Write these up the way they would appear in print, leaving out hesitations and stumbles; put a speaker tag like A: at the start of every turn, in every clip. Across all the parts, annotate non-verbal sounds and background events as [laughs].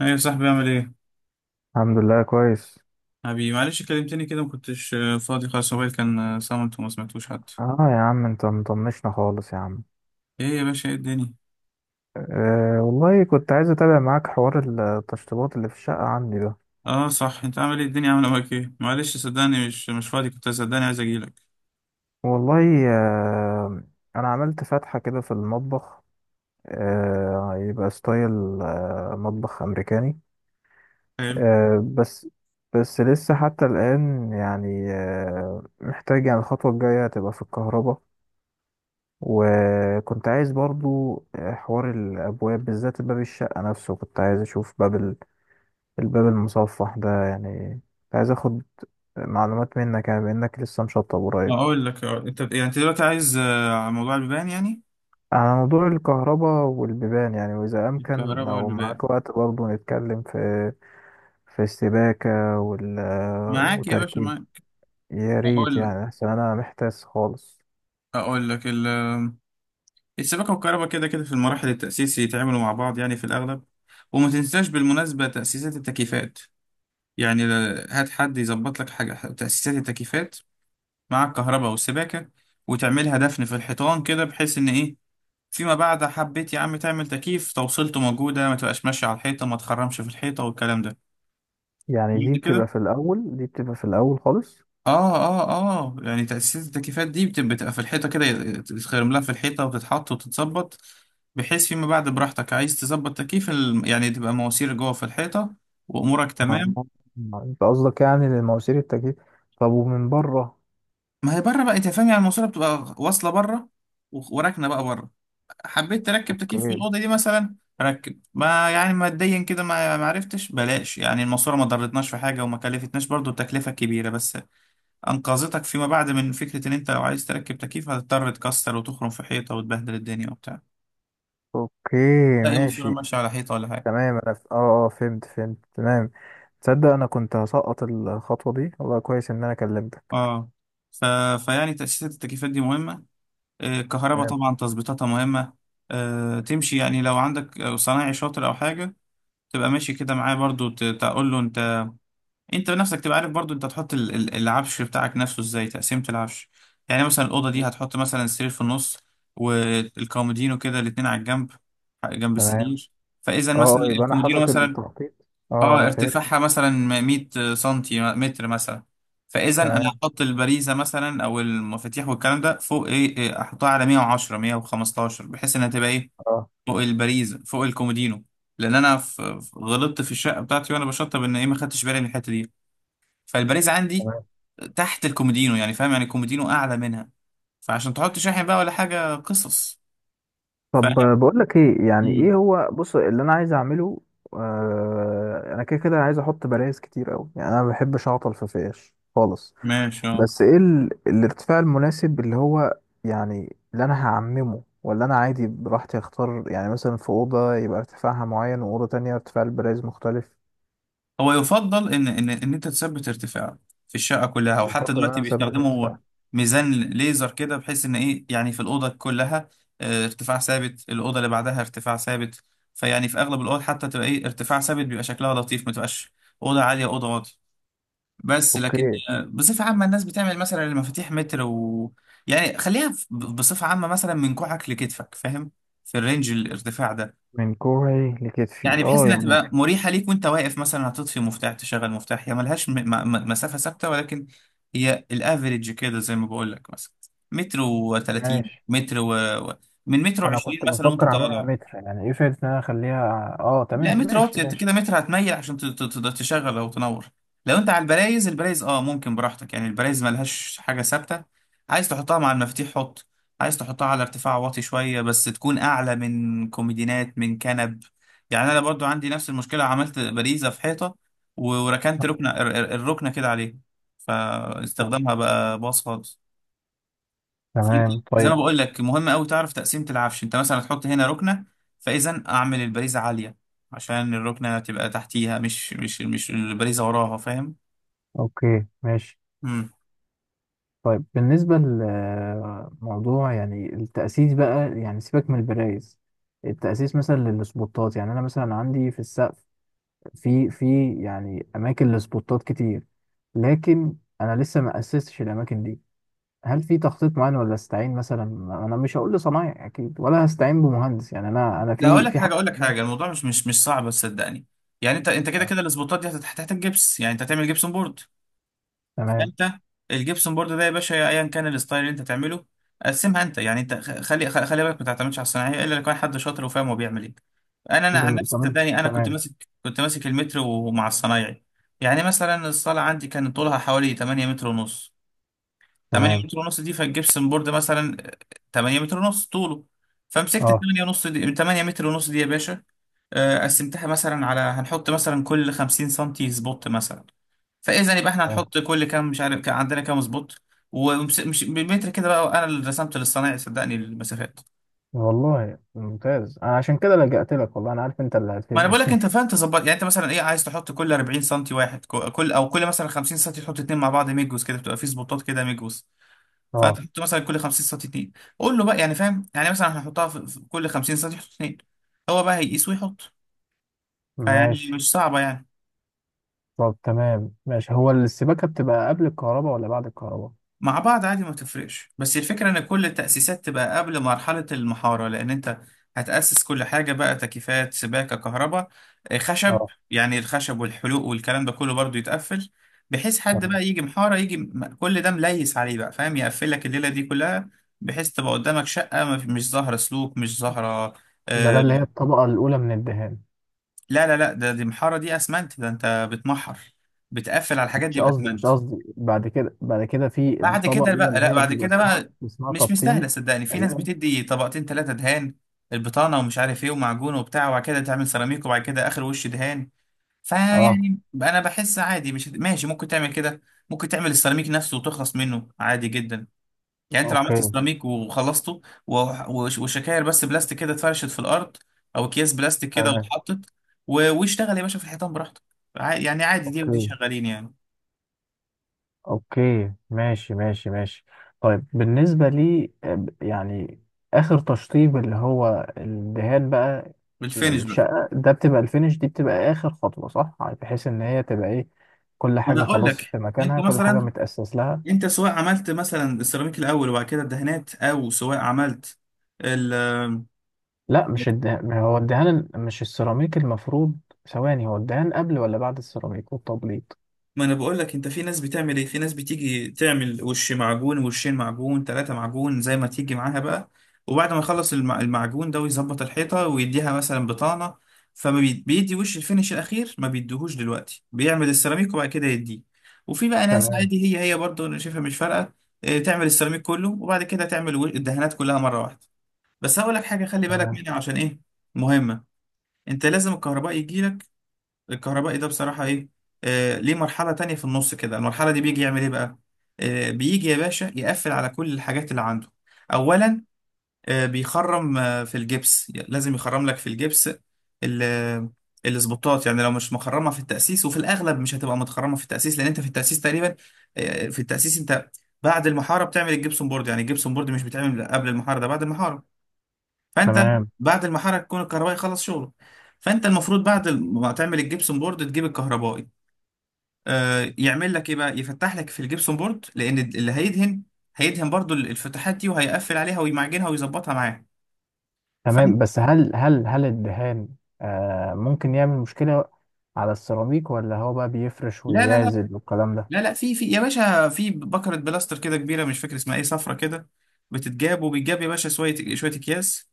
A: ايه يا صاحبي عامل ايه؟
B: الحمد لله كويس.
A: حبيبي معلش كلمتني كده ما كنتش فاضي. خلاص، موبايل كان صامت وما سمعتوش حتى.
B: اه، يا عم انت مطنشنا خالص يا عم.
A: ايه يا باشا؟ ايه الدنيا؟
B: أه والله كنت عايز اتابع معاك حوار التشطيبات اللي في الشقة عندي ده.
A: اه صح، انت عامل ايه؟ الدنيا عامله معاك ايه؟ معلش صدقني مش فاضي، كنت صدقني عايز اجيلك.
B: والله أه، انا عملت فتحة كده في المطبخ. أه يبقى ستايل، مطبخ امريكاني.
A: حلو.
B: أه، بس لسه حتى الان يعني محتاج، يعني الخطوة الجاية تبقى في الكهرباء. وكنت عايز برضو حوار الابواب، بالذات باب الشقة نفسه، كنت عايز اشوف باب الباب المصفح ده، يعني كنت عايز اخد معلومات منك يعني بانك لسه مشطب قريب.
A: اقول لك، انت يعني انت دلوقتي عايز، على موضوع البيبان يعني،
B: على موضوع الكهرباء والبيبان، يعني واذا امكن
A: الكهرباء
B: لو
A: والبيبان.
B: معاك وقت برضه نتكلم في السباكة
A: معاك يا باشا
B: وتركيب.
A: معاك.
B: يا ريت،
A: اقول لك
B: يعني عشان انا محتاس خالص.
A: اقول لك ال السباكه والكهرباء كده كده في المراحل التاسيس يتعاملوا مع بعض يعني في الاغلب. وما تنساش بالمناسبه تاسيسات التكييفات. يعني هات حد يظبط لك حاجة تأسيسات التكييفات مع الكهرباء والسباكة. وتعملها دفن في الحيطان كده بحيث إن إيه، فيما بعد حبيت يا عم تعمل تكييف، توصيلته موجودة، ما تبقاش ماشية على الحيطة، ما تخرمش في الحيطة والكلام ده.
B: يعني دي
A: فهمت
B: بتبقى
A: كده؟
B: في الاول، دي بتبقى في الاول خالص.
A: يعني تأسيسات التكييفات دي بتبقى في الحيطة كده، تتخرم لها في الحيطة وتتحط وتتظبط، بحيث فيما بعد براحتك عايز تظبط تكييف، يعني تبقى مواسير جوه في الحيطة، وأمورك
B: آه،
A: تمام.
B: انت قصدك يعني للمواسير التكييف؟ طب ومن بره؟
A: ما هي بره بقى، انت فاهم يعني الماسوره بتبقى واصله بره وراكنه بقى بره. حبيت تركب تكييف في
B: اوكي،
A: الاوضه دي مثلا، ركب. ما يعني ماديا كده ما عرفتش، بلاش، يعني الماسوره ما ضرتناش في حاجه وما كلفتناش، برضو التكلفه كبيره بس انقذتك فيما بعد من فكره ان انت لو عايز تركب تكييف هتضطر تكسر وتخرم في حيطه وتبهدل الدنيا وبتاع،
B: اوكي،
A: تلاقي ماسوره
B: ماشي.
A: ماشيه على حيطه ولا حاجه.
B: تمام، اه، اه، فهمت تمام. تصدق انا كنت هسقط الخطوة دي، والله كويس ان انا كلمتك.
A: اه ف... فيعني تاسيسات التكييفات دي مهمه. الكهرباء
B: تمام،
A: طبعا تظبيطاتها مهمه، تمشي يعني لو عندك صنايعي شاطر او حاجه، تبقى ماشي كده معاه برضو، تقول له انت. انت بنفسك تبقى عارف برضو انت هتحط العفش بتاعك نفسه ازاي، تقسيمة العفش. يعني مثلا الأوضة دي هتحط مثلا السرير في النص، والكومودينو كده الاتنين على الجنب جنب
B: تمام.
A: السرير. فإذا
B: اه،
A: مثلا
B: اه، يبقى انا
A: الكومودينو
B: حاطط
A: مثلا،
B: التخطيط.
A: اه
B: اه، فهمت.
A: ارتفاعها مثلا 100 سنتي متر مثلا، فإذا أنا
B: تمام،
A: هحط البريزة مثلا أو المفاتيح والكلام ده فوق، إيه إيه، أحطها على 110 115 بحيث إنها تبقى إيه
B: اه
A: فوق الباريزا فوق الكومودينو. لان انا غلطت في الشقه بتاعتي وانا بشطب ان ايه، ما خدتش بالي من الحته دي. فالباريزا عندي
B: تمام.
A: تحت الكومودينو، يعني فاهم يعني الكومودينو اعلى منها، فعشان تحط شاحن بقى ولا حاجه قصص. فاهم.
B: طب بقول لك ايه، يعني
A: مم.
B: ايه هو، بص اللي انا عايز اعمله. آه، انا كده كده عايز احط بلايز كتير قوي، يعني انا ما بحبش اعطل في فيش خالص.
A: ماشي، اه.
B: بس ايه الارتفاع المناسب اللي هو، يعني اللي انا هعممه، ولا انا عادي براحتي اختار؟ يعني مثلا في اوضه يبقى ارتفاعها معين، واوضه تانية ارتفاع البرايز مختلف.
A: هو يفضل ان انت تثبت ارتفاع في الشقه كلها، وحتى
B: يفضل ان
A: دلوقتي
B: انا اثبت
A: بيستخدموا
B: ارتفاع.
A: ميزان ليزر كده بحيث ان ايه، يعني في الاوضه كلها ارتفاع ثابت، الاوضه اللي بعدها ارتفاع ثابت. فيعني في اغلب الاوض حتى تبقى ايه، ارتفاع ثابت بيبقى شكلها لطيف، ما تبقاش اوضه عاليه اوضه واطيه. بس لكن
B: اوكي.
A: بصفه عامه الناس بتعمل مثلا المفاتيح متر، و يعني خليها بصفه عامه، مثلا من كوعك لكتفك، فاهم، في الرينج الارتفاع ده،
B: من كوعي لكتفي،
A: يعني بحيث
B: اه
A: انها
B: يعني.
A: تبقى مريحه ليك وانت واقف. مثلا هتطفي مفتاح تشغل مفتاح، هي ملهاش مسافه ثابته، ولكن هي الافريج كده زي ما بقول لك. مثلا متر و30
B: ماشي.
A: متر و... و- من متر
B: انا
A: و20
B: كنت
A: مثلا وانت
B: بفكر اعملها
A: طالع.
B: متر، يعني ايه فايدة ان انا اخليها؟ اه
A: لا
B: تمام،
A: متر
B: ماشي
A: واطي، انت
B: ماشي.
A: كده متر هتميل عشان تشغل او تنور. لو انت على البرايز، البرايز اه ممكن براحتك، يعني البرايز ملهاش حاجه ثابته، عايز تحطها مع المفاتيح حط، عايز تحطها على ارتفاع واطي شويه بس تكون اعلى من كوميدينات من كنب. يعني انا برضو عندي نفس المشكله، عملت باريزه في حيطه وركنت ركنه الركنه كده عليها، فاستخدامها بقى باظ خالص. في-
B: تمام،
A: زي ما
B: طيب.
A: بقول لك مهم قوي تعرف تقسيمة العفش، انت مثلا هتحط هنا ركنة، فاذا اعمل البريزة عالية عشان الركنة تبقى تحتيها، مش البريزة وراها، فاهم.
B: اوكي، ماشي.
A: امم
B: طيب بالنسبة لموضوع يعني التأسيس بقى، يعني سيبك من البرايز. التأسيس مثلا للسبوتات، يعني أنا مثلا عندي في السقف، في يعني أماكن لسبوتات كتير. لكن أنا لسه ما أسستش الأماكن دي. هل في تخطيط معين، ولا أستعين مثلا؟ أنا مش هقول لصنايعي أكيد، ولا هستعين بمهندس يعني، أنا
A: لا اقول
B: في
A: لك
B: في
A: حاجة،
B: حاجة.
A: اقول لك حاجة، الموضوع مش صعب صدقني. يعني انت كده
B: آه،
A: كده، الاسبوتات دي هتحتاج جبس، يعني انت هتعمل جبسون بورد.
B: تمام.
A: انت الجبسون بورد ده يا باشا، ايا كان الستايل اللي انت تعمله، قسمها انت. يعني انت خلي بالك ما تعتمدش على الصناعيه الا لو كان حد شاطر وفاهم هو بيعمل ايه. انا عن نفسي
B: تمام،
A: صدقني، انا كنت
B: تمام،
A: ماسك، كنت ماسك المتر ومع الصنايعي. يعني مثلا الصاله عندي كان طولها حوالي 8 متر ونص. 8
B: تمام،
A: متر ونص دي، فالجبسون بورد مثلا 8 متر ونص طوله. فمسكت
B: أه
A: 8 ونص دي، 8 متر ونص دي يا باشا، قسمتها مثلا على، هنحط مثلا كل 50 سنتي سبوت مثلا، فاذا يبقى احنا
B: تمام.
A: هنحط كل كام، مش عارف كان عندنا كام سبوت. ومش بالمتر كده بقى، انا اللي رسمت للصنايعي صدقني المسافات.
B: والله ممتاز، أنا عشان كده لجأت لك، والله أنا عارف أنت اللي
A: ما انا
B: هتفيدني
A: بقول لك انت
B: [laughs]
A: فاهم تظبط، يعني انت مثلا ايه، عايز تحط كل 40 سنتي واحد، كل او كل مثلا 50 سنتي تحط اتنين مع بعض، ميجوز كده بتبقى في سبوتات كده ميجوز. فانت
B: اه
A: تحط مثلا كل 50 سنتي اتنين، قول له بقى، يعني فاهم يعني مثلا هنحطها في كل 50 سنتي تحط اتنين، هو بقى هيقيس ويحط. فيعني
B: ماشي.
A: مش صعبة يعني.
B: طب تمام، ماشي. هو السباكة بتبقى قبل الكهرباء ولا بعد الكهرباء؟
A: مع بعض عادي ما تفرقش، بس الفكرة ان كل التأسيسات تبقى قبل مرحلة المحارة، لان انت هتأسس كل حاجة بقى، تكييفات سباكة كهرباء خشب،
B: اه
A: يعني الخشب والحلوق والكلام ده كله برضو يتقفل، بحيث حد
B: تمام.
A: بقى يجي محارة يجي، كل ده مليس عليه بقى، فاهم، يقفل لك الليلة دي كلها، بحيث تبقى قدامك شقة ما في- مش ظاهرة سلوك، مش ظاهرة.
B: ده اللي هي
A: آه،
B: الطبقة الأولى من الدهان.
A: لا لا لا، ده، دي محارة، دي اسمنت، ده انت بتمحر، بتقفل على الحاجات
B: مش
A: دي
B: قصدي،
A: بأسمنت.
B: مش قصدي، بعد كده، بعد كده، في
A: بعد
B: الطبقة
A: كده
B: الأولى
A: بقى،
B: اللي
A: لا
B: هي
A: بعد
B: بيبقى
A: كده
B: اسمها
A: بقى
B: اسمها
A: مش
B: تبطين.
A: مستاهله صدقني. في ناس
B: تقريبا.
A: بتدي طبقتين ثلاثه دهان، البطانه ومش عارف ايه ومعجون وبتاع، وبعد كده تعمل سيراميك وبعد كده اخر وش دهان.
B: اه،
A: فيعني انا بحس عادي، مش ماشي، ممكن تعمل كده، ممكن تعمل السيراميك نفسه وتخلص منه عادي جدا. يعني انت لو عملت
B: اوكي،
A: سيراميك وخلصته و- وشكاير بس بلاستيك كده اتفرشت في الارض، او اكياس بلاستيك كده
B: تمام،
A: واتحطت واشتغل يا باشا في الحيطان براحتك. يعني عادي، دي ودي
B: اوكي،
A: شغالين يعني.
B: اوكي، ماشي، ماشي، ماشي. طيب بالنسبة لي، يعني اخر تشطيب اللي هو الدهان بقى،
A: بالفينش بقى،
B: للشقة ده بتبقى الفينش، دي بتبقى اخر خطوة صح؟ يعني بحيث ان هي تبقى ايه، كل
A: انا
B: حاجة
A: اقول
B: خلاص في
A: لك انت
B: مكانها، كل حاجة
A: مثلا،
B: متأسس لها.
A: انت سواء عملت مثلا السيراميك الاول وبعد كده الدهانات، او سواء عملت ال،
B: لا مش الدهان، ما هو الدهان مش السيراميك المفروض؟ ثواني، هو الدهان قبل ولا بعد السيراميك والتبليط؟
A: ما انا بقول لك انت في ناس بتعمل ايه، في ناس بتيجي تعمل وش معجون، وشين معجون، ثلاثة معجون، زي ما تيجي معاها بقى، وبعد ما يخلص المعجون ده ويظبط الحيطة ويديها مثلا بطانة، بيدي وش الفينش الاخير، ما بيديهوش دلوقتي، بيعمل السيراميك وبعد كده يديه. وفي بقى ناس
B: تمام،
A: عادي، هي هي برضه انا شايفها مش فارقة، اه، تعمل السيراميك كله وبعد كده تعمل الدهانات كلها مرة واحدة. بس هقول لك حاجه خلي بالك
B: تمام،
A: منها عشان ايه، مهمه. انت لازم الكهرباء يجي لك، الكهربائي ده بصراحه ايه، ليه مرحله تانية في النص كده، المرحله دي بيجي يعمل ايه بقى، بيجي يا باشا يقفل على كل الحاجات اللي عنده اولا، بيخرم في الجبس، لازم يخرم لك في الجبس ال- السبوتات، يعني لو مش مخرمه في التاسيس، وفي الاغلب مش هتبقى متخرمه في التاسيس لان انت في التاسيس تقريبا، في التاسيس، انت بعد المحاره بتعمل الجبسون بورد، يعني الجبسون بورد مش بيتعمل قبل المحاره، ده بعد المحاره. فانت
B: تمام،
A: بعد المحرك يكون الكهربائي خلص شغله. فانت المفروض بعد ما تعمل الجبسون بورد تجيب الكهربائي، يعمل لك ايه بقى، يفتح لك في الجبسون بورد، لان اللي هيدهن هيدهن برضو الفتحات دي وهيقفل عليها ويمعجنها ويظبطها معاها.
B: تمام.
A: فانت،
B: بس هل هل الدهان آه ممكن يعمل مشكلة على السيراميك، ولا هو بقى بيفرش
A: لا لا لا،
B: ويعزل والكلام ده؟
A: لا لا، في يا باشا في بكرة بلاستر كده كبيرة مش فاكر اسمها ايه، صفرة كده، بتتجاب، وبيتجاب يا باشا شوية شوية اكياس،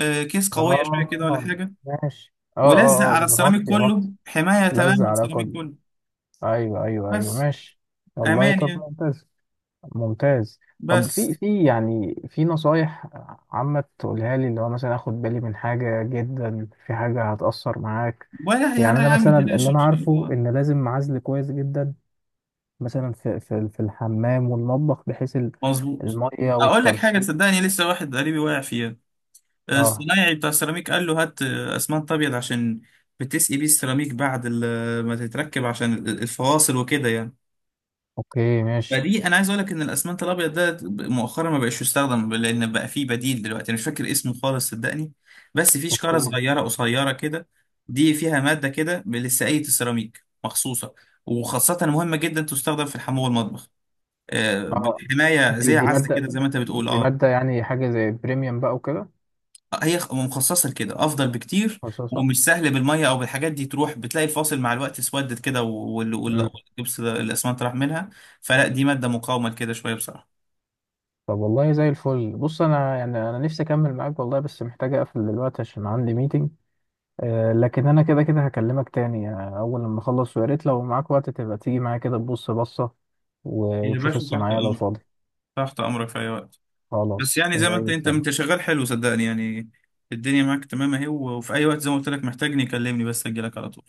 A: كيس قوية شوية كده ولا
B: اه
A: حاجة،
B: ماشي. اه،
A: ولزق
B: اه، اه،
A: على السيراميك
B: ويغطي
A: كله،
B: يغطي.
A: حماية
B: لزق
A: تمام
B: على
A: للسيراميك
B: كله.
A: كله.
B: ايوه، ايوه، ايوه،
A: بس،
B: ماشي. والله
A: امان
B: طب،
A: يعني.
B: ممتاز، ممتاز. طب في
A: بس،
B: في يعني في نصايح عامة تقولها لي، اللي هو مثلا اخد بالي من حاجة جدا، في حاجة هتأثر معاك؟
A: ولا يا
B: يعني
A: لا
B: انا
A: يا عم
B: مثلا اللي
A: تلاش إن
B: انا
A: شاء
B: عارفه
A: الله.
B: ان لازم اعزل كويس جدا، مثلا في الحمام والمطبخ، بحيث
A: مظبوط.
B: المية
A: اقول لك حاجه
B: والترشيد.
A: صدقني، لسه واحد قريبي واقع فيها،
B: اه،
A: الصنايعي بتاع السيراميك قال له هات اسمنت ابيض عشان بتسقي بيه السيراميك بعد ما تتركب، عشان الفواصل وكده يعني.
B: اوكي ماشي.
A: فدي انا عايز اقول لك ان الاسمنت الابيض ده مؤخرا ما بقاش يستخدم لان بقى فيه بديل دلوقتي، انا مش فاكر اسمه خالص صدقني، بس فيه شكاره
B: اوكي،
A: صغيره قصيره كده، دي فيها ماده كده لسقايه السيراميك مخصوصه، وخاصه مهمه جدا تستخدم في الحمام والمطبخ،
B: اه.
A: بالحمايه
B: دي
A: زي
B: دي
A: عزل
B: مادة،
A: كده، زي ما انت بتقول
B: دي
A: اه.
B: مادة يعني حاجة زي بريميوم بقى وكده.
A: هي مخصصه لكده افضل بكتير،
B: خصوصا.
A: ومش سهل بالميه او بالحاجات دي تروح بتلاقي الفاصل مع الوقت اسودت كده،
B: امم
A: والجبس الاسمنت راح منها. فلا دي ماده مقاومه لكده شويه بصراحه.
B: طب والله زي الفل. بص انا يعني انا نفسي اكمل معاك والله، بس محتاج اقفل دلوقتي عشان عندي ميتنج. آه، لكن انا كده كده هكلمك تاني اول لما اخلص. ويا ريت لو معاك وقت تبقى تيجي معايا كده تبص بصة
A: يا
B: وتشوف
A: باشا تحت
B: الصناعية، لو
A: امرك،
B: فاضي.
A: تحت امرك في اي وقت. بس
B: خلاص
A: يعني زي ما
B: زي
A: انت، انت
B: الفل.
A: انت شغال حلو صدقني يعني، الدنيا معاك تمام اهي، وفي اي وقت زي ما قلت لك محتاجني كلمني بس اجي لك على طول.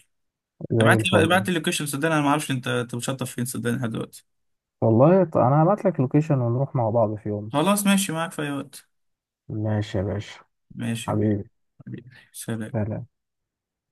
B: زي
A: ابعت
B: الفل.
A: لي اللوكيشن صدقني انا ما اعرفش، انت بتشطف فين صدقني لحد دلوقتي.
B: والله، انا هبعت لك لوكيشن ونروح مع بعض في يوم.
A: خلاص ماشي معاك في اي وقت.
B: ماشي يا باشا.
A: ماشي.
B: حبيبي.
A: حبيبي. سلام.
B: سلام.